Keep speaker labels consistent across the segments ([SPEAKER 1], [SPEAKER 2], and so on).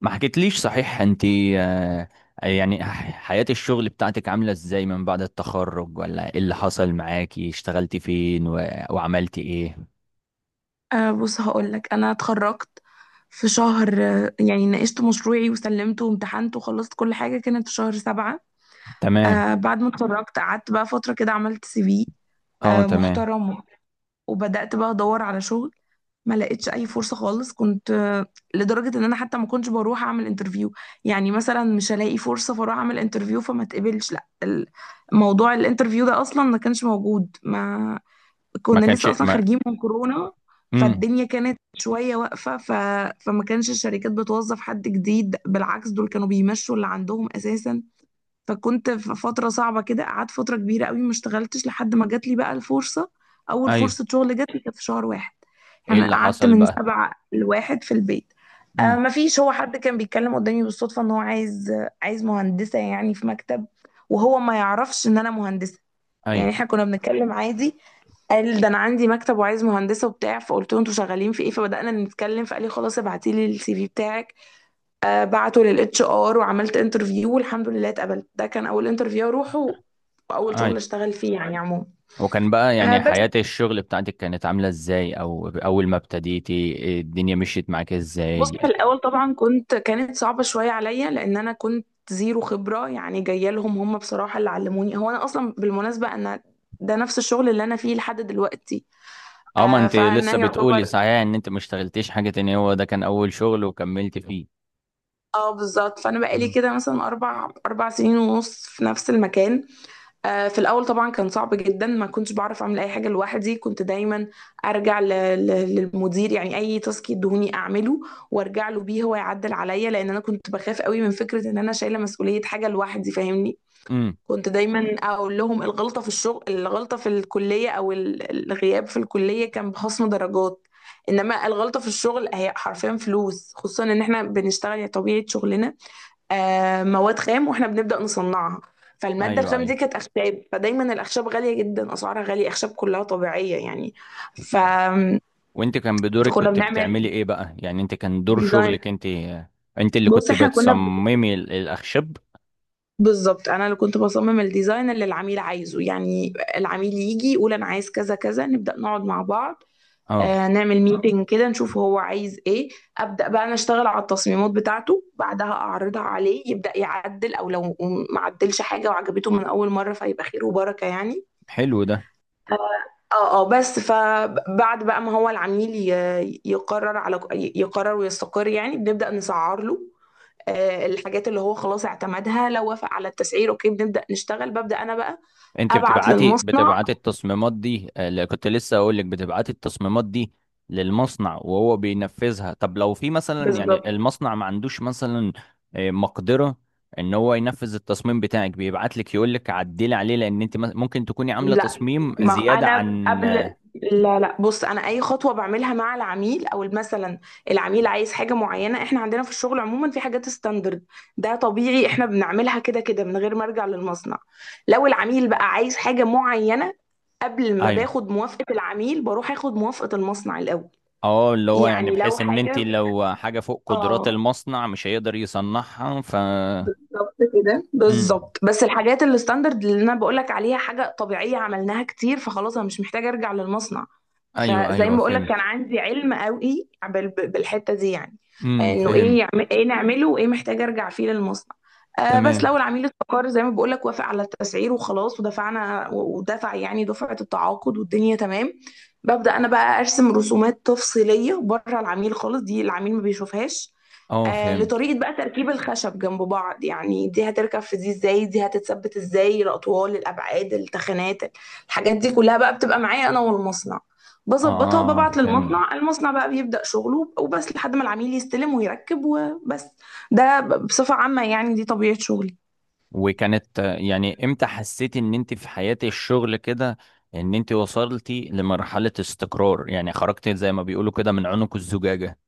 [SPEAKER 1] ما حكيتليش صحيح انت؟ آه، يعني حياة الشغل بتاعتك عاملة ازاي من بعد التخرج، ولا ايه اللي حصل معاكي؟ اشتغلتي فين وعملتي ايه؟
[SPEAKER 2] بص هقولك أنا اتخرجت في شهر يعني ناقشت مشروعي وسلمته وامتحنت وخلصت كل حاجة كانت في شهر 7.
[SPEAKER 1] تمام.
[SPEAKER 2] بعد ما اتخرجت قعدت بقى فترة كده، عملت سي في
[SPEAKER 1] اه، تمام.
[SPEAKER 2] محترم وبدأت بقى أدور على شغل. ما لقيتش أي فرصة خالص، كنت لدرجة إن أنا حتى ما كنتش بروح أعمل انترفيو. يعني مثلا مش هلاقي فرصة فأروح أعمل انترفيو فما تقبلش. لا، موضوع الانترفيو ده أصلا ما كانش موجود. ما
[SPEAKER 1] ما
[SPEAKER 2] كنا
[SPEAKER 1] كانش
[SPEAKER 2] لسه اصلا
[SPEAKER 1] ما
[SPEAKER 2] خارجين من كورونا،
[SPEAKER 1] امم.
[SPEAKER 2] فالدنيا كانت شويه واقفه، فما كانش الشركات بتوظف حد جديد، بالعكس دول كانوا بيمشوا اللي عندهم اساسا. فكنت في فتره صعبه كده، قعدت فتره كبيره قوي ما اشتغلتش لحد ما جات لي بقى الفرصه. اول
[SPEAKER 1] ايوه.
[SPEAKER 2] فرصه شغل جات لي كانت في شهر 1.
[SPEAKER 1] ايه
[SPEAKER 2] يعني
[SPEAKER 1] اللي
[SPEAKER 2] قعدت
[SPEAKER 1] حصل
[SPEAKER 2] من
[SPEAKER 1] بقى؟
[SPEAKER 2] سبعة لواحد في البيت.
[SPEAKER 1] امم.
[SPEAKER 2] ما فيش، هو حد كان بيتكلم قدامي بالصدفه ان هو عايز مهندسه يعني في مكتب، وهو ما يعرفش ان انا مهندسه. يعني
[SPEAKER 1] ايوه،
[SPEAKER 2] احنا كنا بنتكلم عادي. قال ده انا عندي مكتب وعايز مهندسه وبتاع، فقلت له انتوا شغالين في ايه؟ فبدانا نتكلم، فقال لي خلاص ابعتي لي السي في بتاعك. بعته للاتش ار وعملت انترفيو والحمد لله اتقبلت. ده كان اول انترفيو اروحه واول شغل
[SPEAKER 1] ايوه.
[SPEAKER 2] اشتغل فيه يعني عموما.
[SPEAKER 1] وكان بقى
[SPEAKER 2] آه
[SPEAKER 1] يعني
[SPEAKER 2] بس
[SPEAKER 1] حياة الشغل بتاعتك كانت عاملة ازاي؟ او اول ما ابتديتي إيه الدنيا مشيت معاك
[SPEAKER 2] بص،
[SPEAKER 1] ازاي؟
[SPEAKER 2] في الاول طبعا كانت صعبه شويه عليا لان انا كنت زيرو خبره، يعني جايه لهم. هم بصراحه اللي علموني. هو انا اصلا بالمناسبه انا ده نفس الشغل اللي انا فيه لحد دلوقتي.
[SPEAKER 1] اه، ما انت
[SPEAKER 2] فانا
[SPEAKER 1] لسه بتقولي
[SPEAKER 2] يعتبر،
[SPEAKER 1] صحيح ان انت ما اشتغلتيش حاجة تانية، هو ده كان اول شغل وكملت فيه؟
[SPEAKER 2] اه بالظبط، فانا بقالي كده مثلا اربع سنين ونص في نفس المكان. في الاول طبعا كان صعب جدا، ما كنتش بعرف اعمل اي حاجه لوحدي، كنت دايما ارجع للمدير. يعني اي تاسك يدهوني اعمله وارجع له بيه هو يعدل عليا، لان انا كنت بخاف قوي من فكره ان انا شايله مسؤوليه حاجه لوحدي، فاهمني؟
[SPEAKER 1] امم.
[SPEAKER 2] كنت دايما اقول لهم الغلطه في الشغل، الغلطه في الكليه او الغياب في الكليه كان بخصم درجات، انما الغلطه في الشغل هي حرفيا فلوس، خصوصا ان احنا بنشتغل يعني طبيعه شغلنا مواد خام واحنا بنبدأ نصنعها. فالمادة
[SPEAKER 1] ايوه،
[SPEAKER 2] الخام دي
[SPEAKER 1] ايوه.
[SPEAKER 2] كانت أخشاب، فدايما الأخشاب غالية جدا، أسعارها غالية، أخشاب كلها طبيعية يعني. ف...
[SPEAKER 1] وانت كان بدورك
[SPEAKER 2] فكنا
[SPEAKER 1] كنت بتعملي
[SPEAKER 2] بنعمل
[SPEAKER 1] ايه بقى؟ يعني انت كان دور
[SPEAKER 2] ديزاين.
[SPEAKER 1] شغلك انت؟ انت اللي
[SPEAKER 2] بص
[SPEAKER 1] كنت
[SPEAKER 2] احنا
[SPEAKER 1] بتصممي الاخشاب؟
[SPEAKER 2] بالظبط، أنا اللي كنت بصمم الديزاين اللي العميل عايزه. يعني العميل يجي يقول أنا عايز كذا كذا، نبدأ نقعد مع بعض،
[SPEAKER 1] اه،
[SPEAKER 2] نعمل ميتنج كده نشوف هو عايز ايه. ابدا بقى انا اشتغل على التصميمات بتاعته، بعدها اعرضها عليه، يبدا يعدل او لو ما عدلش حاجه وعجبته من اول مره فيبقى خير وبركه يعني.
[SPEAKER 1] حلو ده.
[SPEAKER 2] اه، اه، بس فبعد بقى ما هو العميل يقرر ويستقر، يعني بنبدأ نسعر له الحاجات اللي هو خلاص اعتمدها. لو وافق على التسعير اوكي بنبدأ نشتغل. ببدأ انا بقى
[SPEAKER 1] انت
[SPEAKER 2] ابعت
[SPEAKER 1] بتبعتي
[SPEAKER 2] للمصنع.
[SPEAKER 1] بتبعتي التصميمات دي، اللي كنت لسه اقول لك بتبعتي التصميمات دي للمصنع وهو بينفذها؟ طب لو في مثلا يعني
[SPEAKER 2] بالظبط.
[SPEAKER 1] المصنع ما عندوش مثلا مقدرة ان هو ينفذ التصميم بتاعك، بيبعت لك يقول لك عدلي عليه، لان انت ممكن تكوني عاملة
[SPEAKER 2] لا،
[SPEAKER 1] تصميم
[SPEAKER 2] ما
[SPEAKER 1] زيادة
[SPEAKER 2] انا
[SPEAKER 1] عن
[SPEAKER 2] قبل،
[SPEAKER 1] آه،
[SPEAKER 2] لا، لا، بص، انا اي خطوه بعملها مع العميل، او مثلا العميل عايز حاجه معينه، احنا عندنا في الشغل عموما في حاجات ستاندرد، ده طبيعي احنا بنعملها كده كده من غير ما ارجع للمصنع. لو العميل بقى عايز حاجه معينه، قبل ما
[SPEAKER 1] ايوه.
[SPEAKER 2] باخد موافقه العميل بروح اخد موافقه المصنع الاول.
[SPEAKER 1] اه، اللي هو يعني
[SPEAKER 2] يعني لو
[SPEAKER 1] بحيث ان انت
[SPEAKER 2] حاجه،
[SPEAKER 1] لو حاجة فوق قدرات
[SPEAKER 2] اه
[SPEAKER 1] المصنع مش هيقدر يصنعها ف.
[SPEAKER 2] بالظبط كده،
[SPEAKER 1] امم.
[SPEAKER 2] بالظبط. بس الحاجات الستاندرد اللي انا بقولك عليها حاجه طبيعيه عملناها كتير، فخلاص انا مش محتاجه ارجع للمصنع.
[SPEAKER 1] ايوه،
[SPEAKER 2] فزي ما
[SPEAKER 1] ايوه،
[SPEAKER 2] بقولك كان
[SPEAKER 1] فهمت.
[SPEAKER 2] عندي علم قوي بالحته دي، يعني
[SPEAKER 1] امم،
[SPEAKER 2] انه ايه
[SPEAKER 1] فهمت.
[SPEAKER 2] يعمل ايه نعمله، وايه محتاجه ارجع فيه للمصنع. بس
[SPEAKER 1] تمام.
[SPEAKER 2] لو العميل استقر زي ما بقولك، وافق على التسعير وخلاص ودفعنا ودفع يعني دفعه التعاقد والدنيا تمام، ببدأ انا بقى ارسم رسومات تفصيليه بره العميل خالص، دي العميل ما بيشوفهاش،
[SPEAKER 1] اه، فهمت.
[SPEAKER 2] لطريقة بقى تركيب الخشب جنب بعض، يعني دي هتركب في دي ازاي، دي هتتثبت ازاي، الأطوال، الأبعاد، التخانات. الحاجات دي كلها بقى بتبقى معايا أنا والمصنع، بظبطها
[SPEAKER 1] اه،
[SPEAKER 2] وببعت
[SPEAKER 1] فهمت.
[SPEAKER 2] للمصنع. المصنع بقى بيبدأ شغله، وبس لحد ما العميل يستلم ويركب، وبس. ده بصفة عامة يعني، دي طبيعة شغلي.
[SPEAKER 1] وكانت يعني امتى حسيتي ان انت في حياة الشغل كده ان انت وصلتي لمرحلة استقرار؟ يعني خرجتي زي ما بيقولوا كده من عنق الزجاجة؟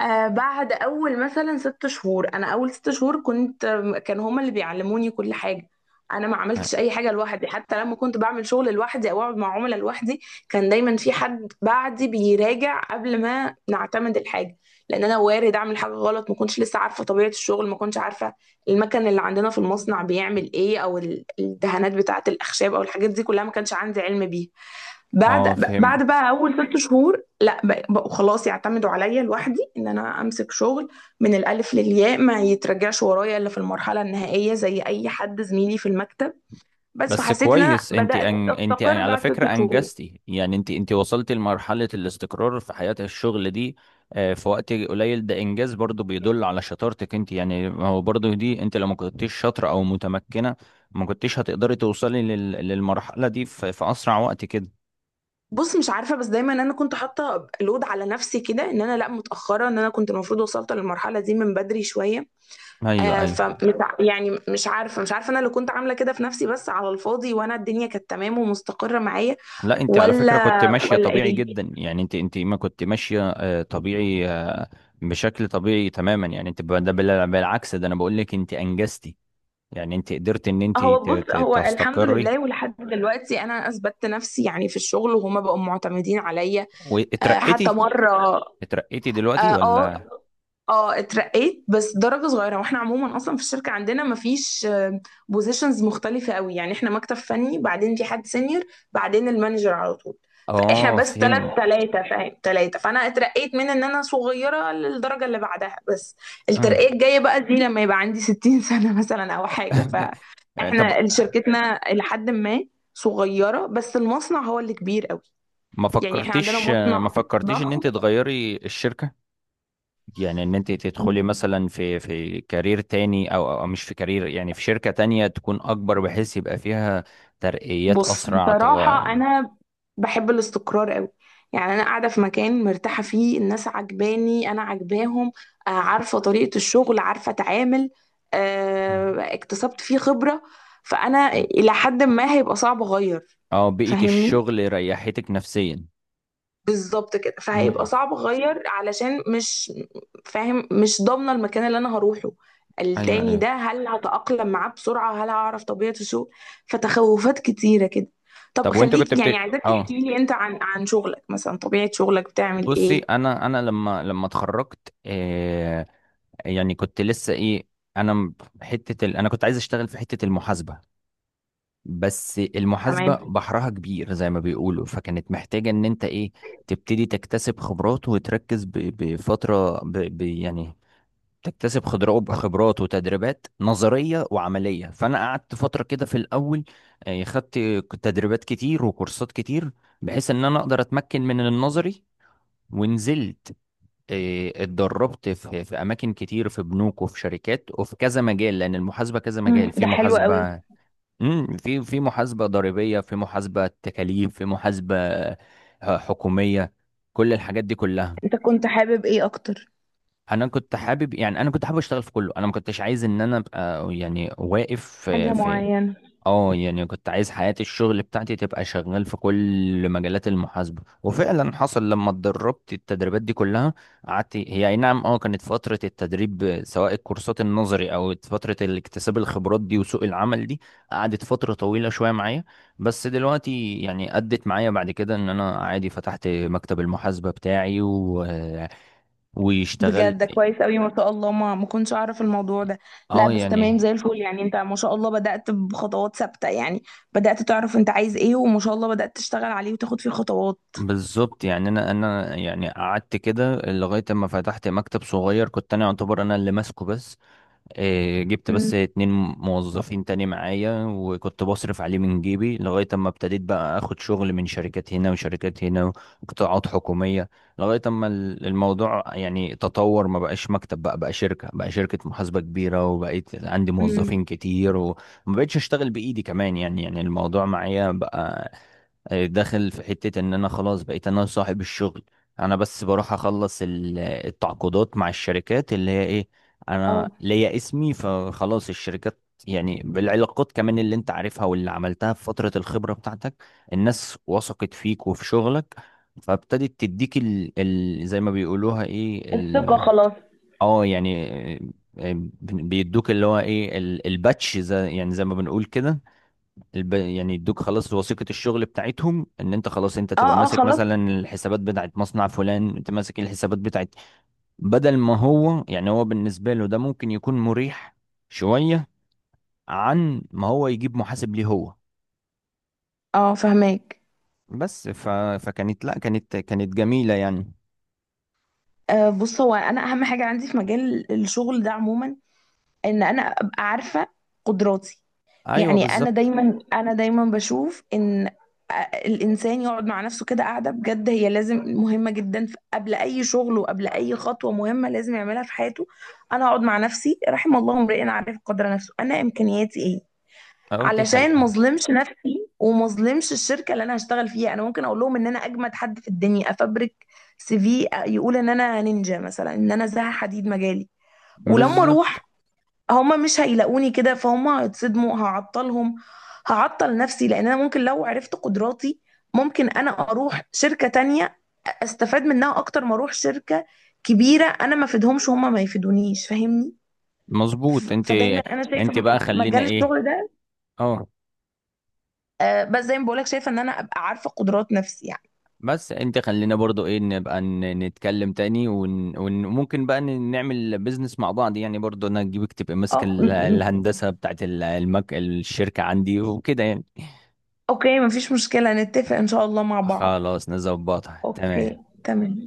[SPEAKER 2] بعد اول مثلا 6 شهور، انا اول 6 شهور كنت كان هما اللي بيعلموني كل حاجه. انا ما عملتش اي حاجه لوحدي، حتى لما كنت بعمل شغل لوحدي او اقعد مع عملاء لوحدي كان دايما في حد بعدي بيراجع قبل ما نعتمد الحاجه، لان انا وارد اعمل حاجه غلط. ما كنتش لسه عارفه طبيعه الشغل، ما كنتش عارفه المكن اللي عندنا في المصنع بيعمل ايه، او الدهانات بتاعه الاخشاب، او الحاجات دي كلها ما كانش عندي علم بيها.
[SPEAKER 1] اه،
[SPEAKER 2] بعد
[SPEAKER 1] فهمت.
[SPEAKER 2] بعد بقى اول 6 شهور، لا بقوا خلاص يعتمدوا عليا لوحدي ان انا امسك شغل من الالف للياء، ما يترجعش ورايا الا في المرحله النهائيه زي اي حد زميلي في المكتب. بس
[SPEAKER 1] بس
[SPEAKER 2] فحسيت ان انا
[SPEAKER 1] كويس، انت
[SPEAKER 2] بدات استقر
[SPEAKER 1] على
[SPEAKER 2] بعد
[SPEAKER 1] فكرة
[SPEAKER 2] 6 شهور.
[SPEAKER 1] انجزتي، يعني انت وصلتي لمرحلة الاستقرار في حياة الشغل دي في وقت قليل، ده انجاز برضو بيدل على شطارتك انت، يعني ما هو برضو دي انت لو ما كنتيش شاطرة او متمكنة ما كنتيش هتقدري توصلي للمرحلة دي في اسرع وقت كده.
[SPEAKER 2] بص مش عارفه، بس دايما انا كنت حاطه لود على نفسي كده، ان انا لا متاخره، ان انا كنت المفروض وصلت للمرحله دي من بدري شويه.
[SPEAKER 1] ايوه، ايوه.
[SPEAKER 2] فمش يعني مش عارفه، انا اللي كنت عامله كده في نفسي بس على الفاضي، وانا الدنيا كانت تمام ومستقره معايا.
[SPEAKER 1] لا، انت على فكرة كنت
[SPEAKER 2] ولا
[SPEAKER 1] ماشية
[SPEAKER 2] ولا
[SPEAKER 1] طبيعي
[SPEAKER 2] ايه؟
[SPEAKER 1] جدا، يعني انت ما كنت ماشية طبيعي بشكل طبيعي تماما، يعني انت ده بالعكس، ده انا بقول لك انت انجزتي، يعني انت قدرت ان انت
[SPEAKER 2] بص، هو الحمد
[SPEAKER 1] تستقري
[SPEAKER 2] لله، ولحد دلوقتي انا اثبتت نفسي يعني في الشغل، وهما بقوا معتمدين عليا. حتى
[SPEAKER 1] واترقيتي.
[SPEAKER 2] مره.
[SPEAKER 1] اترقيتي دلوقتي
[SPEAKER 2] اه، اه.
[SPEAKER 1] ولا؟
[SPEAKER 2] اترقيت بس درجة صغيرة، واحنا عموما اصلا في الشركة عندنا مفيش بوزيشنز مختلفة قوي. يعني احنا مكتب فني، بعدين في حد سينيور، بعدين المانجر على طول. فاحنا
[SPEAKER 1] اه،
[SPEAKER 2] بس
[SPEAKER 1] فهمت.
[SPEAKER 2] تلاتة، فاهم، تلاتة. فانا اترقيت من ان انا صغيرة للدرجة اللي بعدها بس.
[SPEAKER 1] أمم.
[SPEAKER 2] الترقية الجاية بقى دي لما يبقى عندي 60 سنة مثلا او حاجة.
[SPEAKER 1] طب،
[SPEAKER 2] فاحنا شركتنا لحد ما صغيرة، بس المصنع هو اللي كبير قوي.
[SPEAKER 1] ما
[SPEAKER 2] يعني احنا عندنا
[SPEAKER 1] فكرتيش ما
[SPEAKER 2] مصنع
[SPEAKER 1] فكرتيش ان
[SPEAKER 2] ضخم.
[SPEAKER 1] انت تغيري الشركة؟ يعني ان انت تدخلي مثلا في كارير تاني، او مش في كارير، يعني في شركة تانية تكون اكبر بحيث يبقى فيها ترقيات
[SPEAKER 2] بص
[SPEAKER 1] اسرع
[SPEAKER 2] بصراحة، أنا بحب الاستقرار قوي. يعني أنا قاعدة في مكان مرتاحة فيه، الناس عجباني أنا عجباهم، عارفة طريقة الشغل، عارفة أتعامل، اكتسبت فيه خبرة، فأنا إلى حد ما هيبقى صعب أغير.
[SPEAKER 1] اه، بيئة
[SPEAKER 2] فاهمني؟
[SPEAKER 1] الشغل ريحتك نفسيا.
[SPEAKER 2] بالظبط كده، فهيبقى
[SPEAKER 1] امم.
[SPEAKER 2] صعب اغير علشان مش فاهم، مش ضامنه المكان اللي انا هروحه
[SPEAKER 1] ايوه،
[SPEAKER 2] التاني
[SPEAKER 1] ايوه.
[SPEAKER 2] ده، هل هتأقلم معاه بسرعه؟ هل هعرف طبيعة الشغل؟ فتخوفات كتيره كده. طب
[SPEAKER 1] طب، وانت كنت
[SPEAKER 2] خليك، يعني
[SPEAKER 1] بت
[SPEAKER 2] عايزاك
[SPEAKER 1] اه
[SPEAKER 2] تحكي لي انت عن شغلك مثلا، طبيعة شغلك بتعمل
[SPEAKER 1] بصي،
[SPEAKER 2] ايه.
[SPEAKER 1] انا لما اتخرجت يعني كنت لسه ايه. انا م- انا كنت عايز اشتغل في حته المحاسبه، بس المحاسبه
[SPEAKER 2] تمام.
[SPEAKER 1] بحرها كبير زي ما بيقولوا، فكانت محتاجه ان انت ايه تبتدي تكتسب خبرات وتركز ب... بفتره ب... ب... يعني تكتسب خبرات وتدريبات نظريه وعمليه، فانا قعدت فتره كده في الاول، خدت تدريبات كتير وكورسات كتير، بحيث ان انا اقدر اتمكن من النظري. ونزلت، اتدربت في اماكن كتير، في بنوك وفي شركات وفي كذا مجال، لان المحاسبه كذا مجال، في
[SPEAKER 2] ده حلو قوي.
[SPEAKER 1] محاسبه. امم. في محاسبه ضريبيه، في محاسبه تكاليف، في محاسبه حكوميه، كل الحاجات دي كلها.
[SPEAKER 2] انت كنت حابب ايه اكتر؟
[SPEAKER 1] انا كنت حابب اشتغل في كله، انا ما كنتش عايز ان انا ابقى يعني واقف
[SPEAKER 2] حاجة
[SPEAKER 1] في.
[SPEAKER 2] معينة.
[SPEAKER 1] اه، يعني كنت عايز حياة الشغل بتاعتي تبقى شغال في كل مجالات المحاسبة، وفعلا حصل لما اتدربت التدريبات دي كلها، قعدت هي اي نعم كانت فترة التدريب، سواء الكورسات النظري او فترة الاكتساب الخبرات دي وسوق العمل دي، قعدت فترة طويلة شوية معايا. بس دلوقتي يعني ادت معايا، بعد كده ان انا عادي فتحت مكتب المحاسبة بتاعي واشتغلت.
[SPEAKER 2] بجد ده كويس قوي ما شاء الله، ما كنتش اعرف الموضوع ده. لا،
[SPEAKER 1] اه،
[SPEAKER 2] بس
[SPEAKER 1] يعني
[SPEAKER 2] تمام زي الفل، يعني انت ما شاء الله بدأت بخطوات ثابتة يعني، بدأت تعرف انت عايز ايه، وما شاء الله بدأت تشتغل عليه وتاخد فيه خطوات.
[SPEAKER 1] بالظبط، يعني انا يعني قعدت كده لغايه اما فتحت مكتب صغير، كنت انا يعتبر انا اللي ماسكه، بس جبت بس
[SPEAKER 2] امم.
[SPEAKER 1] اتنين موظفين تاني معايا، وكنت بصرف عليه من جيبي، لغايه اما ابتديت بقى اخد شغل من شركات هنا وشركات هنا وقطاعات حكوميه، لغايه اما الموضوع يعني تطور، ما بقاش مكتب، بقى شركه، بقى شركه محاسبه كبيره، وبقيت عندي
[SPEAKER 2] امم.
[SPEAKER 1] موظفين كتير، وما بقتش اشتغل بايدي كمان، يعني الموضوع معايا بقى داخل في حتة ان انا خلاص بقيت انا صاحب الشغل. انا بس بروح اخلص التعاقدات مع الشركات اللي هي ايه، انا
[SPEAKER 2] اه،
[SPEAKER 1] ليا اسمي، فخلاص الشركات، يعني بالعلاقات كمان اللي انت عارفها واللي عملتها في فترة الخبرة بتاعتك، الناس وثقت فيك وفي شغلك، فابتدت تديك زي ما بيقولوها ايه
[SPEAKER 2] الثقة خلاص.
[SPEAKER 1] اه يعني آه، آه، بيدوك اللي هو ايه الباتش، زي، يعني زي ما بنقول كده، يعني يدوك خلاص وثيقة الشغل بتاعتهم ان انت خلاص انت تبقى
[SPEAKER 2] اه، اه،
[SPEAKER 1] ماسك
[SPEAKER 2] خلاص.
[SPEAKER 1] مثلا الحسابات بتاعت مصنع فلان، انت ماسك الحسابات بتاعت، بدل ما هو يعني، هو بالنسبة له ده ممكن يكون مريح شوية عن ما هو يجيب محاسب ليه هو.
[SPEAKER 2] اه، فهماك.
[SPEAKER 1] بس فكانت، لا كانت جميلة يعني.
[SPEAKER 2] بص، هو انا اهم حاجة عندي في مجال الشغل ده عموما، ان انا ابقى عارفة قدراتي.
[SPEAKER 1] ايوه،
[SPEAKER 2] يعني انا
[SPEAKER 1] بالظبط.
[SPEAKER 2] دايما انا دايما بشوف ان آه، الانسان يقعد مع نفسه كده قاعده بجد، هي لازم مهمه جدا قبل اي شغل وقبل اي خطوه مهمه لازم يعملها في حياته. انا اقعد مع نفسي، رحم الله امرئ عارف قدر نفسه، انا امكانياتي ايه،
[SPEAKER 1] اه، دي
[SPEAKER 2] علشان ما
[SPEAKER 1] حقيقة.
[SPEAKER 2] اظلمش نفسي وما اظلمش الشركه اللي انا هشتغل فيها. انا ممكن اقول لهم ان انا اجمد حد في الدنيا، افبرك سي في يقول ان انا نينجا مثلا، ان انا زها حديد مجالي، ولما اروح
[SPEAKER 1] بالظبط.
[SPEAKER 2] هما مش هيلاقوني كده، فهم هيتصدموا، هعطلهم، هعطل نفسي. لان انا ممكن لو عرفت قدراتي، ممكن انا اروح شركة تانية استفاد منها اكتر ما اروح شركة كبيرة انا ما افيدهمش هما ما يفيدونيش، فاهمني؟
[SPEAKER 1] مظبوط انت.
[SPEAKER 2] فدايما انا شايفة
[SPEAKER 1] انت بقى خلينا
[SPEAKER 2] مجال
[SPEAKER 1] ايه،
[SPEAKER 2] الشغل ده
[SPEAKER 1] اه،
[SPEAKER 2] بس زي ما بقولك، شايفة ان انا ابقى عارفة قدرات نفسي يعني.
[SPEAKER 1] بس انت خلينا برضو ايه، نبقى نتكلم تاني وممكن بقى نعمل بيزنس مع بعض، يعني برضو انا اجيبك تبقى ماسك
[SPEAKER 2] اه، م-
[SPEAKER 1] الهندسة بتاعت الشركة عندي وكده يعني.
[SPEAKER 2] اوكي، مفيش مشكلة، نتفق ان شاء الله مع بعض.
[SPEAKER 1] خلاص نظبطها، تمام.
[SPEAKER 2] اوكي، تمام.